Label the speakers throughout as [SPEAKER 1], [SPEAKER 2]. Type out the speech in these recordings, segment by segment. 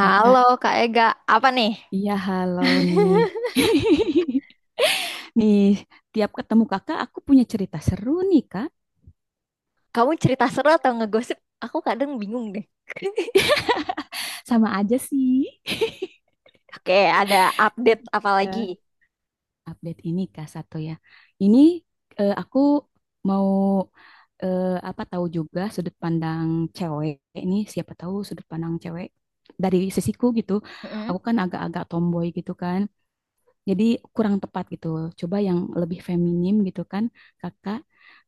[SPEAKER 1] Kak, kak,
[SPEAKER 2] Kak Ega, apa nih?
[SPEAKER 1] iya halo nih. Nih, tiap ketemu kakak aku punya cerita seru nih kak.
[SPEAKER 2] Kamu cerita seru atau ngegosip? Aku kadang bingung deh.
[SPEAKER 1] Sama aja sih.
[SPEAKER 2] Oke, ada update apa lagi?
[SPEAKER 1] Ya, update ini kak satu ya. Ini aku mau eh, apa tahu juga sudut pandang cewek. Ini siapa tahu sudut pandang cewek dari sisiku gitu.
[SPEAKER 2] Mm-mm.
[SPEAKER 1] Aku kan agak-agak tomboy gitu kan. Jadi kurang tepat gitu. Coba yang lebih feminim gitu kan, kakak.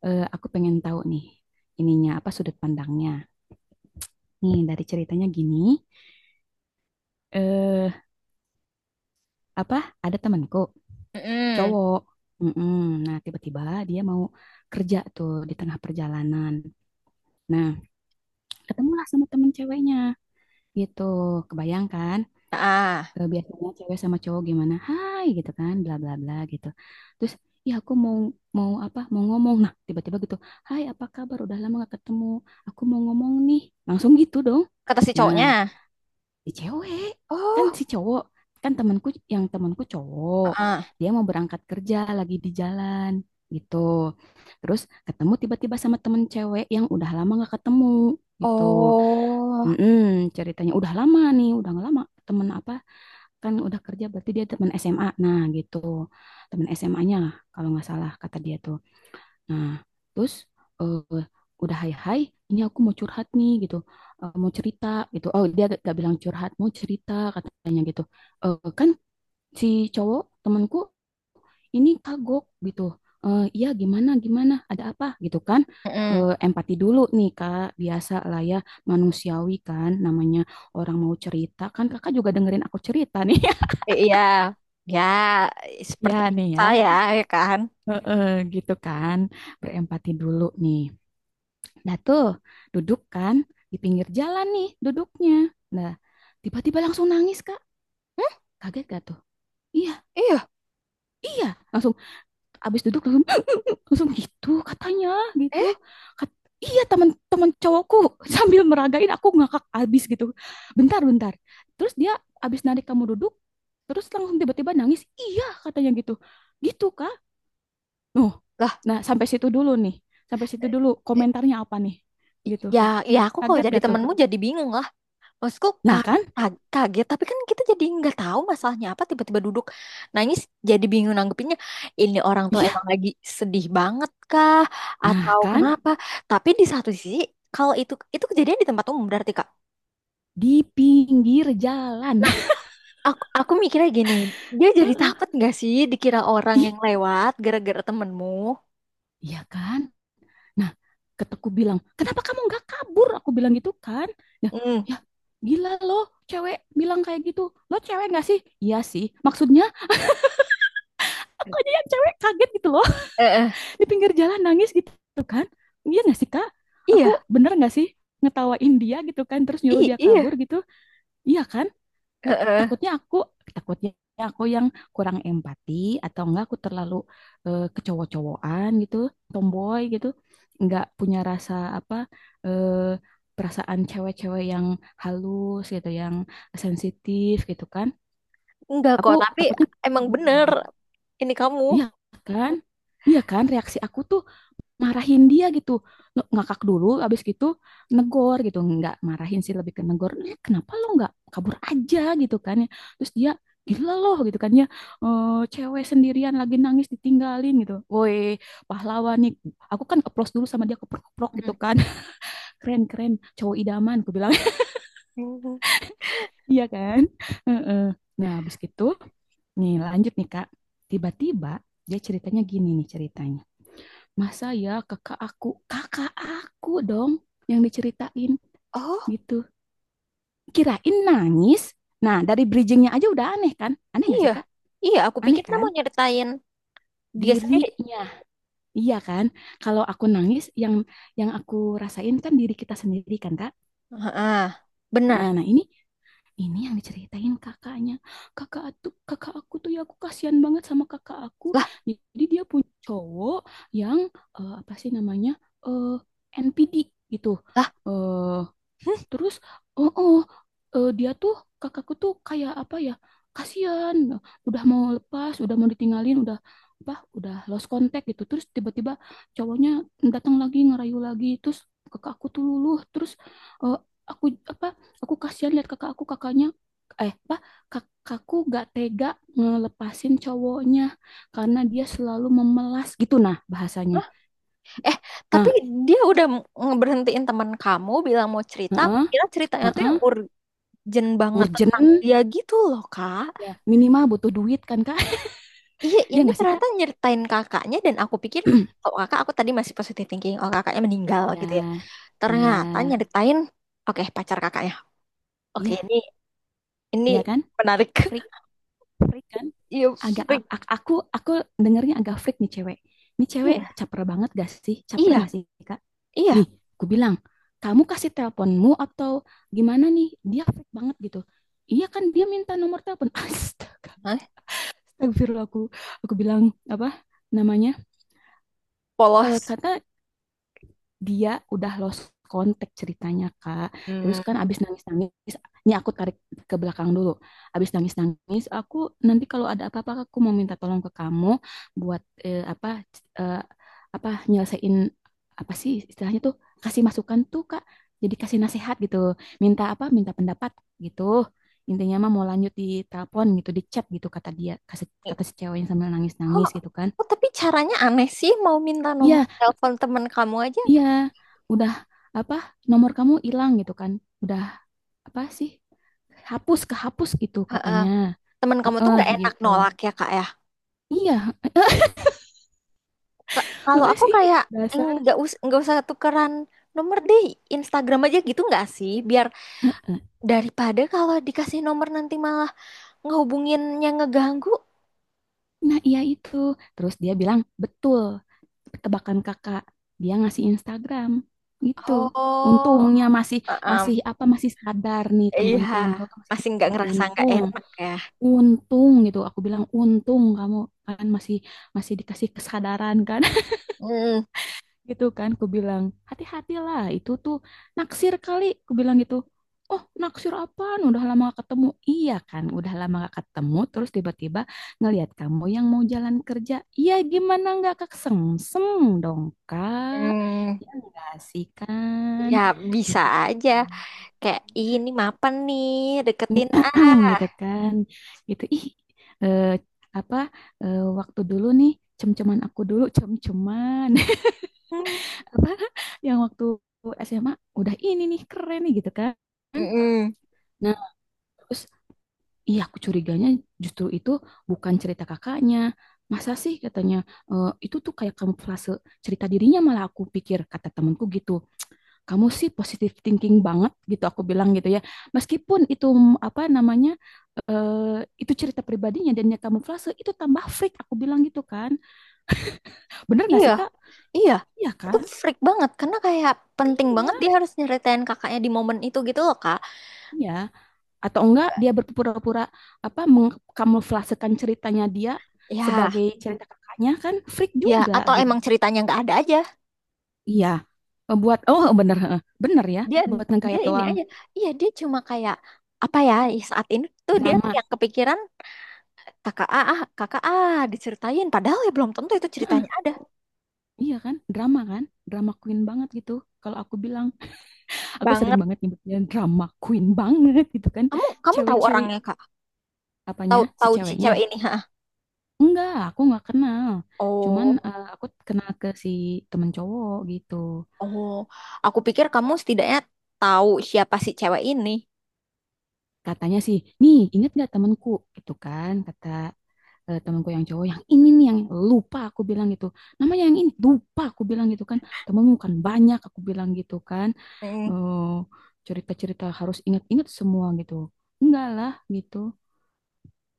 [SPEAKER 1] Aku pengen tahu nih ininya apa sudut pandangnya. Nih dari ceritanya gini, eh apa ada temanku
[SPEAKER 2] Mm-mm.
[SPEAKER 1] cowok. Mm-mm. Nah tiba-tiba dia mau kerja tuh di tengah perjalanan. Nah ketemulah sama temen ceweknya gitu. Kebayangkan
[SPEAKER 2] Ah,
[SPEAKER 1] biasanya cewek sama cowok gimana hai gitu kan bla bla bla gitu terus ya aku mau mau apa mau ngomong nah tiba-tiba gitu hai apa kabar udah lama gak ketemu aku mau ngomong nih langsung gitu dong
[SPEAKER 2] kata si
[SPEAKER 1] nah
[SPEAKER 2] cowoknya.
[SPEAKER 1] si cewek kan
[SPEAKER 2] Oh,
[SPEAKER 1] si cowok kan temanku yang temanku cowok
[SPEAKER 2] ah.
[SPEAKER 1] dia mau berangkat kerja lagi di jalan gitu terus ketemu tiba-tiba sama temen cewek yang udah lama gak ketemu gitu.
[SPEAKER 2] Oh,
[SPEAKER 1] Mm-mm, ceritanya udah lama nih udah lama temen apa kan udah kerja berarti dia teman SMA nah gitu teman SMA-nya lah kalau nggak salah kata dia tuh nah terus eh, udah hai hai ini aku mau curhat nih gitu. Eh, mau cerita gitu oh dia gak bilang curhat mau cerita katanya gitu. Eh, kan si cowok temanku ini kagok gitu. Eh, iya gimana gimana ada apa gitu kan.
[SPEAKER 2] mm-mm.
[SPEAKER 1] Eh, empati dulu nih kak biasa lah ya manusiawi kan namanya orang mau cerita kan kakak juga dengerin aku cerita nih.
[SPEAKER 2] Iya, ya seperti
[SPEAKER 1] Ya nih ya.
[SPEAKER 2] saya ya kan?
[SPEAKER 1] Heeh, gitu kan, berempati dulu nih. Nah tuh, duduk kan di pinggir jalan nih duduknya. Nah, tiba-tiba langsung nangis, Kak.
[SPEAKER 2] Hmm,
[SPEAKER 1] Kaget gak tuh? Iya,
[SPEAKER 2] iya,
[SPEAKER 1] iya. Langsung abis duduk langsung langsung gitu katanya gitu.
[SPEAKER 2] eh
[SPEAKER 1] Kat- iya teman-teman cowokku sambil meragain aku ngakak abis gitu. Bentar, bentar. Terus dia abis narik kamu duduk, terus langsung tiba-tiba nangis. Iya katanya gitu. Gitu, Kak. Oh,
[SPEAKER 2] lah,
[SPEAKER 1] nah sampai situ dulu nih, sampai situ dulu
[SPEAKER 2] eh,
[SPEAKER 1] komentarnya apa nih, gitu.
[SPEAKER 2] ya, ya aku kalau
[SPEAKER 1] Kaget
[SPEAKER 2] jadi
[SPEAKER 1] gak tuh?
[SPEAKER 2] temenmu jadi bingung lah. Maksudku
[SPEAKER 1] Nah kan,
[SPEAKER 2] kaget, tapi kan kita jadi nggak tahu masalahnya apa, tiba-tiba duduk nangis, jadi bingung nanggepinnya. Ini orang tuh emang
[SPEAKER 1] iya,
[SPEAKER 2] lagi sedih banget kah?
[SPEAKER 1] nah
[SPEAKER 2] Atau
[SPEAKER 1] kan
[SPEAKER 2] kenapa? Tapi di satu sisi, kalau itu kejadian di tempat umum berarti Kak.
[SPEAKER 1] di pinggir jalan.
[SPEAKER 2] Nah, aku mikirnya gini, dia jadi takut nggak sih dikira orang
[SPEAKER 1] Ih,
[SPEAKER 2] yang lewat gara-gara temenmu?
[SPEAKER 1] iya kan? Nah, keteku bilang, kenapa kamu nggak kabur? Aku bilang gitu kan. Ya,
[SPEAKER 2] Hmm.
[SPEAKER 1] ya gila loh, cewek bilang kayak gitu. Lo cewek nggak sih? Iya sih. Maksudnya, aku aja yang cewek kaget gitu loh.
[SPEAKER 2] Eh, eh.
[SPEAKER 1] Di pinggir jalan nangis gitu kan. Iya nggak sih, Kak? Aku
[SPEAKER 2] Iya,
[SPEAKER 1] bener nggak sih? Ngetawain dia gitu kan terus nyuruh
[SPEAKER 2] iya,
[SPEAKER 1] dia kabur
[SPEAKER 2] iya.
[SPEAKER 1] gitu. Iya kan?
[SPEAKER 2] Eh,
[SPEAKER 1] Eh,
[SPEAKER 2] eh.
[SPEAKER 1] takutnya aku, takutnya aku kurang empati atau enggak aku terlalu kecowok-cowokan gitu, tomboy gitu, enggak punya rasa apa eh, perasaan cewek-cewek yang halus gitu, yang sensitif gitu kan.
[SPEAKER 2] Enggak
[SPEAKER 1] Aku
[SPEAKER 2] kok, tapi
[SPEAKER 1] takutnya
[SPEAKER 2] emang
[SPEAKER 1] gitu.
[SPEAKER 2] bener. Ini kamu.
[SPEAKER 1] Iya kan? Iya kan? Reaksi aku tuh marahin dia gitu. Ngakak dulu abis gitu negor gitu nggak marahin sih lebih ke negor. "Eh, kenapa lo nggak kabur aja gitu kan ya terus dia gila loh gitu kan ya. Eh, cewek sendirian lagi nangis ditinggalin gitu woi pahlawan nih aku kan keplos dulu sama dia keprok-keprok
[SPEAKER 2] Hmm.
[SPEAKER 1] gitu kan keren keren cowok idaman aku bilang.
[SPEAKER 2] Hmm.
[SPEAKER 1] Iya kan. Heeh. Nah abis gitu nih lanjut nih kak tiba-tiba dia ceritanya gini nih ceritanya masa ya kakak aku dong yang diceritain
[SPEAKER 2] Oh.
[SPEAKER 1] gitu kirain nangis nah dari bridgingnya aja udah aneh kan aneh nggak sih
[SPEAKER 2] Iya,
[SPEAKER 1] kak
[SPEAKER 2] iya. Aku pikir
[SPEAKER 1] aneh
[SPEAKER 2] dia
[SPEAKER 1] kan
[SPEAKER 2] mau nyeritain dia sendiri.
[SPEAKER 1] dirinya iya kan kalau aku nangis yang aku rasain kan diri kita sendiri kan kak.
[SPEAKER 2] Ah, benar.
[SPEAKER 1] Ah, nah ini yang diceritain kakaknya kakak tuh kakak aku tuh ya aku kasihan banget sama kakak aku
[SPEAKER 2] Lah,
[SPEAKER 1] jadi dia punya cowok yang apa sih namanya eh NPD gitu
[SPEAKER 2] lah.
[SPEAKER 1] eh
[SPEAKER 2] Hmm.
[SPEAKER 1] terus, oh, oh dia tuh kakakku tuh kayak apa ya? Kasihan, udah mau lepas, udah mau ditinggalin, udah apa? Udah lost contact gitu. Terus tiba-tiba cowoknya datang lagi ngerayu lagi. Terus kakakku tuh luluh. Terus eh, aku apa? Aku kasihan lihat kakak aku kakaknya apa kakakku gak tega ngelepasin cowoknya karena dia selalu memelas gitu nah bahasanya.
[SPEAKER 2] Lah. Eh, tapi
[SPEAKER 1] Nah,
[SPEAKER 2] dia udah ngeberhentiin teman kamu bilang mau cerita. Aku
[SPEAKER 1] heeh,
[SPEAKER 2] kira ceritanya tuh yang
[SPEAKER 1] heeh,
[SPEAKER 2] urgent banget
[SPEAKER 1] urgent
[SPEAKER 2] tentang dia gitu loh, Kak.
[SPEAKER 1] ya minimal butuh duit kan Kak?
[SPEAKER 2] Iya,
[SPEAKER 1] Ya
[SPEAKER 2] ini
[SPEAKER 1] nggak sih Kak?
[SPEAKER 2] ternyata nyeritain kakaknya dan aku pikir, oh kakak, aku tadi masih positive thinking, oh kakaknya meninggal
[SPEAKER 1] Iya,
[SPEAKER 2] gitu ya.
[SPEAKER 1] iya,
[SPEAKER 2] Ternyata nyeritain, oke pacar kakaknya. Oke,
[SPEAKER 1] iya,
[SPEAKER 2] ini
[SPEAKER 1] iya
[SPEAKER 2] ini
[SPEAKER 1] kan?
[SPEAKER 2] menarik.
[SPEAKER 1] Freak, freak kan?
[SPEAKER 2] Iya,
[SPEAKER 1] Agak
[SPEAKER 2] freak.
[SPEAKER 1] aku dengernya agak freak nih cewek. Nih cewek
[SPEAKER 2] Iya,
[SPEAKER 1] caper banget gak sih? Caper
[SPEAKER 2] iya,
[SPEAKER 1] gak sih, Kak?
[SPEAKER 2] iya.
[SPEAKER 1] Nih, aku bilang, kamu kasih teleponmu atau gimana nih? Dia freak banget gitu. Iya kan dia minta nomor telepon. Astaga,
[SPEAKER 2] Hah?
[SPEAKER 1] astagfirullah aku. Aku bilang apa namanya?
[SPEAKER 2] Polos.
[SPEAKER 1] Eh kata dia udah lost kontak ceritanya Kak. Terus
[SPEAKER 2] Hmm.
[SPEAKER 1] kan abis nangis-nangis, ini aku tarik ke belakang dulu. Abis nangis-nangis, aku nanti kalau ada apa-apa aku mau minta tolong ke kamu buat eh, apa nyelesain apa sih istilahnya tuh kasih masukan tuh Kak. Jadi kasih nasihat gitu, minta apa? Minta pendapat gitu. Intinya mah mau lanjut di telepon gitu, di chat gitu kata dia, kata si cewek yang sambil
[SPEAKER 2] Kok,
[SPEAKER 1] nangis-nangis gitu kan.
[SPEAKER 2] kok, tapi caranya aneh sih mau minta nomor
[SPEAKER 1] Iya,
[SPEAKER 2] telepon teman kamu aja.
[SPEAKER 1] iya, udah apa nomor kamu hilang gitu kan. Udah apa sih? Hapus kehapus gitu
[SPEAKER 2] Heeh.
[SPEAKER 1] katanya.
[SPEAKER 2] Teman kamu tuh
[SPEAKER 1] Heeh,
[SPEAKER 2] nggak enak
[SPEAKER 1] gitu.
[SPEAKER 2] nolak ya kak ya.
[SPEAKER 1] Iya,
[SPEAKER 2] Kalau
[SPEAKER 1] heeh
[SPEAKER 2] aku
[SPEAKER 1] sih
[SPEAKER 2] kayak
[SPEAKER 1] dasar.
[SPEAKER 2] nggak usah tukeran nomor deh Instagram aja gitu nggak sih? Biar
[SPEAKER 1] Heeh.
[SPEAKER 2] daripada kalau dikasih nomor nanti malah ngehubunginnya ngeganggu.
[SPEAKER 1] Nah, iya itu. Terus dia bilang, "Betul. Tebakan Kakak." Dia ngasih Instagram gitu.
[SPEAKER 2] Oh,
[SPEAKER 1] Untungnya masih
[SPEAKER 2] heeh.
[SPEAKER 1] masih apa masih sadar nih
[SPEAKER 2] Iya,
[SPEAKER 1] temanku yang cowok tuh masih
[SPEAKER 2] masih nggak
[SPEAKER 1] sadar.
[SPEAKER 2] ngerasa nggak
[SPEAKER 1] Untung,
[SPEAKER 2] enak ya.
[SPEAKER 1] untung gitu. Aku bilang, "Untung kamu kan masih masih dikasih kesadaran kan."
[SPEAKER 2] Hmm,
[SPEAKER 1] Gitu kan ku bilang hati-hatilah itu tuh naksir kali ku bilang gitu oh naksir apaan udah lama gak ketemu iya kan udah lama gak ketemu terus tiba-tiba ngelihat kamu yang mau jalan kerja iya gimana nggak kesengsem dong kak
[SPEAKER 2] hmm.
[SPEAKER 1] ya enggak sih kan
[SPEAKER 2] Ya
[SPEAKER 1] gitu
[SPEAKER 2] bisa aja.
[SPEAKER 1] kan.
[SPEAKER 2] Kayak "Ih, ini mapan nih,
[SPEAKER 1] Nih
[SPEAKER 2] deketin ah."
[SPEAKER 1] gitu kan gitu ih eh, apa waktu dulu nih cem-ceman aku dulu cem-ceman apa yang waktu SMA udah ini nih keren nih gitu kan.
[SPEAKER 2] Mm-mm.
[SPEAKER 1] Nah, terus iya aku curiganya justru itu bukan cerita kakaknya. Masa sih katanya "Eh, itu tuh kayak kamuflase cerita dirinya malah aku pikir kata temanku gitu. Kamu sih positive thinking banget gitu aku bilang gitu ya. Meskipun itu apa namanya itu cerita pribadinya dan dia kamuflase itu tambah freak aku bilang gitu kan. Bener gak
[SPEAKER 2] Iya,
[SPEAKER 1] sih Kak?
[SPEAKER 2] iya.
[SPEAKER 1] Iya
[SPEAKER 2] Itu
[SPEAKER 1] kan?
[SPEAKER 2] freak banget karena kayak penting banget
[SPEAKER 1] Iya,
[SPEAKER 2] dia harus nyeritain kakaknya di momen itu gitu loh, Kak.
[SPEAKER 1] iya. Atau enggak dia berpura-pura apa mengkamuflasekan ceritanya dia
[SPEAKER 2] Ya,
[SPEAKER 1] sebagai cerita kakaknya kan freak
[SPEAKER 2] ya
[SPEAKER 1] juga
[SPEAKER 2] atau
[SPEAKER 1] gitu.
[SPEAKER 2] emang ceritanya nggak ada aja.
[SPEAKER 1] Iya, eh, buat bener heeh. Bener ya
[SPEAKER 2] Dia
[SPEAKER 1] buat
[SPEAKER 2] dia
[SPEAKER 1] ngegayat
[SPEAKER 2] ini
[SPEAKER 1] doang
[SPEAKER 2] aja. Iya, dia cuma kayak apa ya, ih, saat ini tuh dia
[SPEAKER 1] drama.
[SPEAKER 2] yang kepikiran kakak A, ah, kakak A diceritain padahal ya belum tentu itu
[SPEAKER 1] Heeh,
[SPEAKER 2] ceritanya ada.
[SPEAKER 1] iya kan, drama queen banget gitu. Kalau aku bilang, aku sering
[SPEAKER 2] Banget.
[SPEAKER 1] banget nyebutnya drama queen banget gitu kan.
[SPEAKER 2] Kamu kamu tahu
[SPEAKER 1] Cewek-cewek
[SPEAKER 2] orangnya, Kak?
[SPEAKER 1] apanya
[SPEAKER 2] Tahu
[SPEAKER 1] si
[SPEAKER 2] tahu si
[SPEAKER 1] ceweknya?
[SPEAKER 2] cewek ini, ha?
[SPEAKER 1] Enggak, aku nggak kenal. Cuman
[SPEAKER 2] Oh.
[SPEAKER 1] aku kenal ke si temen cowok gitu.
[SPEAKER 2] Oh, aku pikir kamu setidaknya tahu siapa si cewek ini.
[SPEAKER 1] Katanya sih, nih inget gak temanku gitu kan, kata temanku yang cowok yang ini nih yang lupa aku bilang gitu, namanya yang ini lupa aku bilang gitu kan, temenmu kan banyak aku bilang gitu kan,
[SPEAKER 2] Mm.
[SPEAKER 1] eh, cerita-cerita harus inget-inget semua gitu, enggak lah gitu,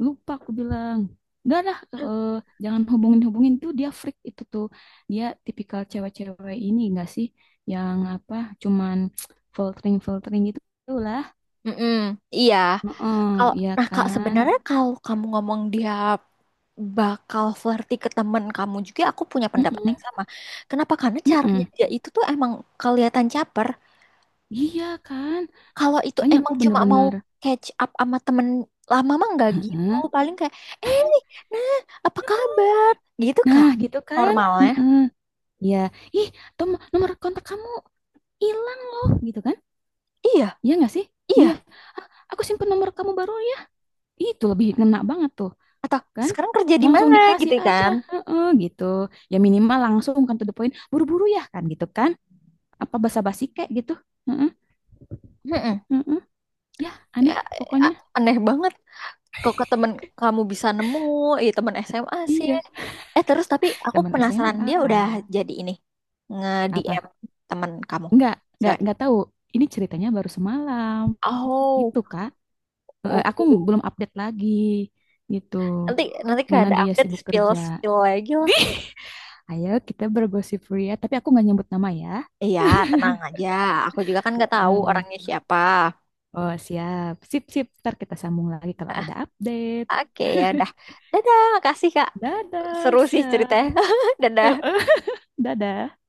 [SPEAKER 1] lupa aku bilang, enggak lah, jangan hubungin-hubungin tuh dia freak itu tuh, dia tipikal cewek-cewek ini enggak sih, yang apa, cuman filtering-filtering gitu lah.
[SPEAKER 2] Mm-mm, iya.
[SPEAKER 1] Heeh,
[SPEAKER 2] Kalau
[SPEAKER 1] iya
[SPEAKER 2] nah kak
[SPEAKER 1] kan?
[SPEAKER 2] sebenarnya kalau kamu ngomong dia bakal flirty ke temen kamu juga, aku punya pendapat
[SPEAKER 1] Mhm,
[SPEAKER 2] yang sama. Kenapa? Karena caranya
[SPEAKER 1] mhm.
[SPEAKER 2] dia itu tuh emang kelihatan caper.
[SPEAKER 1] Iya kan?
[SPEAKER 2] Kalau itu
[SPEAKER 1] Makanya aku
[SPEAKER 2] emang cuma mau
[SPEAKER 1] bener-bener.
[SPEAKER 2] catch up sama temen lama mah nggak gitu.
[SPEAKER 1] Heeh.
[SPEAKER 2] Paling kayak, eh, nah, apa kabar? Gitu
[SPEAKER 1] Nah,
[SPEAKER 2] kak.
[SPEAKER 1] gitu kan?
[SPEAKER 2] Normalnya.
[SPEAKER 1] Heeh. Iya. Ih, tom nomor kontak kamu hilang loh, gitu kan?
[SPEAKER 2] Iya,
[SPEAKER 1] Iya nggak sih?
[SPEAKER 2] iya.
[SPEAKER 1] Iya. "Ah, aku simpen nomor kamu baru ya. Itu lebih ngena banget tuh,
[SPEAKER 2] Atau
[SPEAKER 1] kan?
[SPEAKER 2] sekarang kerja di
[SPEAKER 1] Langsung
[SPEAKER 2] mana
[SPEAKER 1] dikasih
[SPEAKER 2] gitu
[SPEAKER 1] aja,
[SPEAKER 2] kan?
[SPEAKER 1] heeh, gitu. Ya minimal langsung kan to the point, buru-buru ya kan gitu kan? Apa basa-basi kayak gitu? Heeh,
[SPEAKER 2] Mm-mm.
[SPEAKER 1] heeh. Ya,
[SPEAKER 2] Ya,
[SPEAKER 1] aneh lah pokoknya.
[SPEAKER 2] aneh banget kok ke temen kamu bisa nemu, eh temen SMA sih.
[SPEAKER 1] Iya,
[SPEAKER 2] Eh terus tapi aku
[SPEAKER 1] zaman
[SPEAKER 2] penasaran
[SPEAKER 1] SMA,
[SPEAKER 2] dia udah
[SPEAKER 1] Kak.
[SPEAKER 2] jadi ini nge-DM
[SPEAKER 1] Apa?
[SPEAKER 2] temen kamu,
[SPEAKER 1] Nggak,
[SPEAKER 2] cewek.
[SPEAKER 1] nggak tahu. Ini ceritanya baru semalam,
[SPEAKER 2] Oh,
[SPEAKER 1] gitu Kak. Eh, aku
[SPEAKER 2] oh.
[SPEAKER 1] belum update lagi, gitu.
[SPEAKER 2] Nanti nanti kalau
[SPEAKER 1] Mana
[SPEAKER 2] ada
[SPEAKER 1] dia
[SPEAKER 2] update
[SPEAKER 1] sibuk
[SPEAKER 2] spill
[SPEAKER 1] kerja.
[SPEAKER 2] spill lagi lah.
[SPEAKER 1] Ayo kita bergosip Ria, tapi aku nggak nyebut nama ya.
[SPEAKER 2] Iya, tenang aja. Aku juga kan nggak tahu
[SPEAKER 1] Eh,
[SPEAKER 2] orangnya siapa.
[SPEAKER 1] oh siap, sip sip. Ntar kita sambung lagi kalau ada update.
[SPEAKER 2] Oke ya, dah. Dadah, makasih Kak. Seru
[SPEAKER 1] Dadah,
[SPEAKER 2] sih
[SPEAKER 1] siap.
[SPEAKER 2] ceritanya. Dadah.
[SPEAKER 1] Dadah.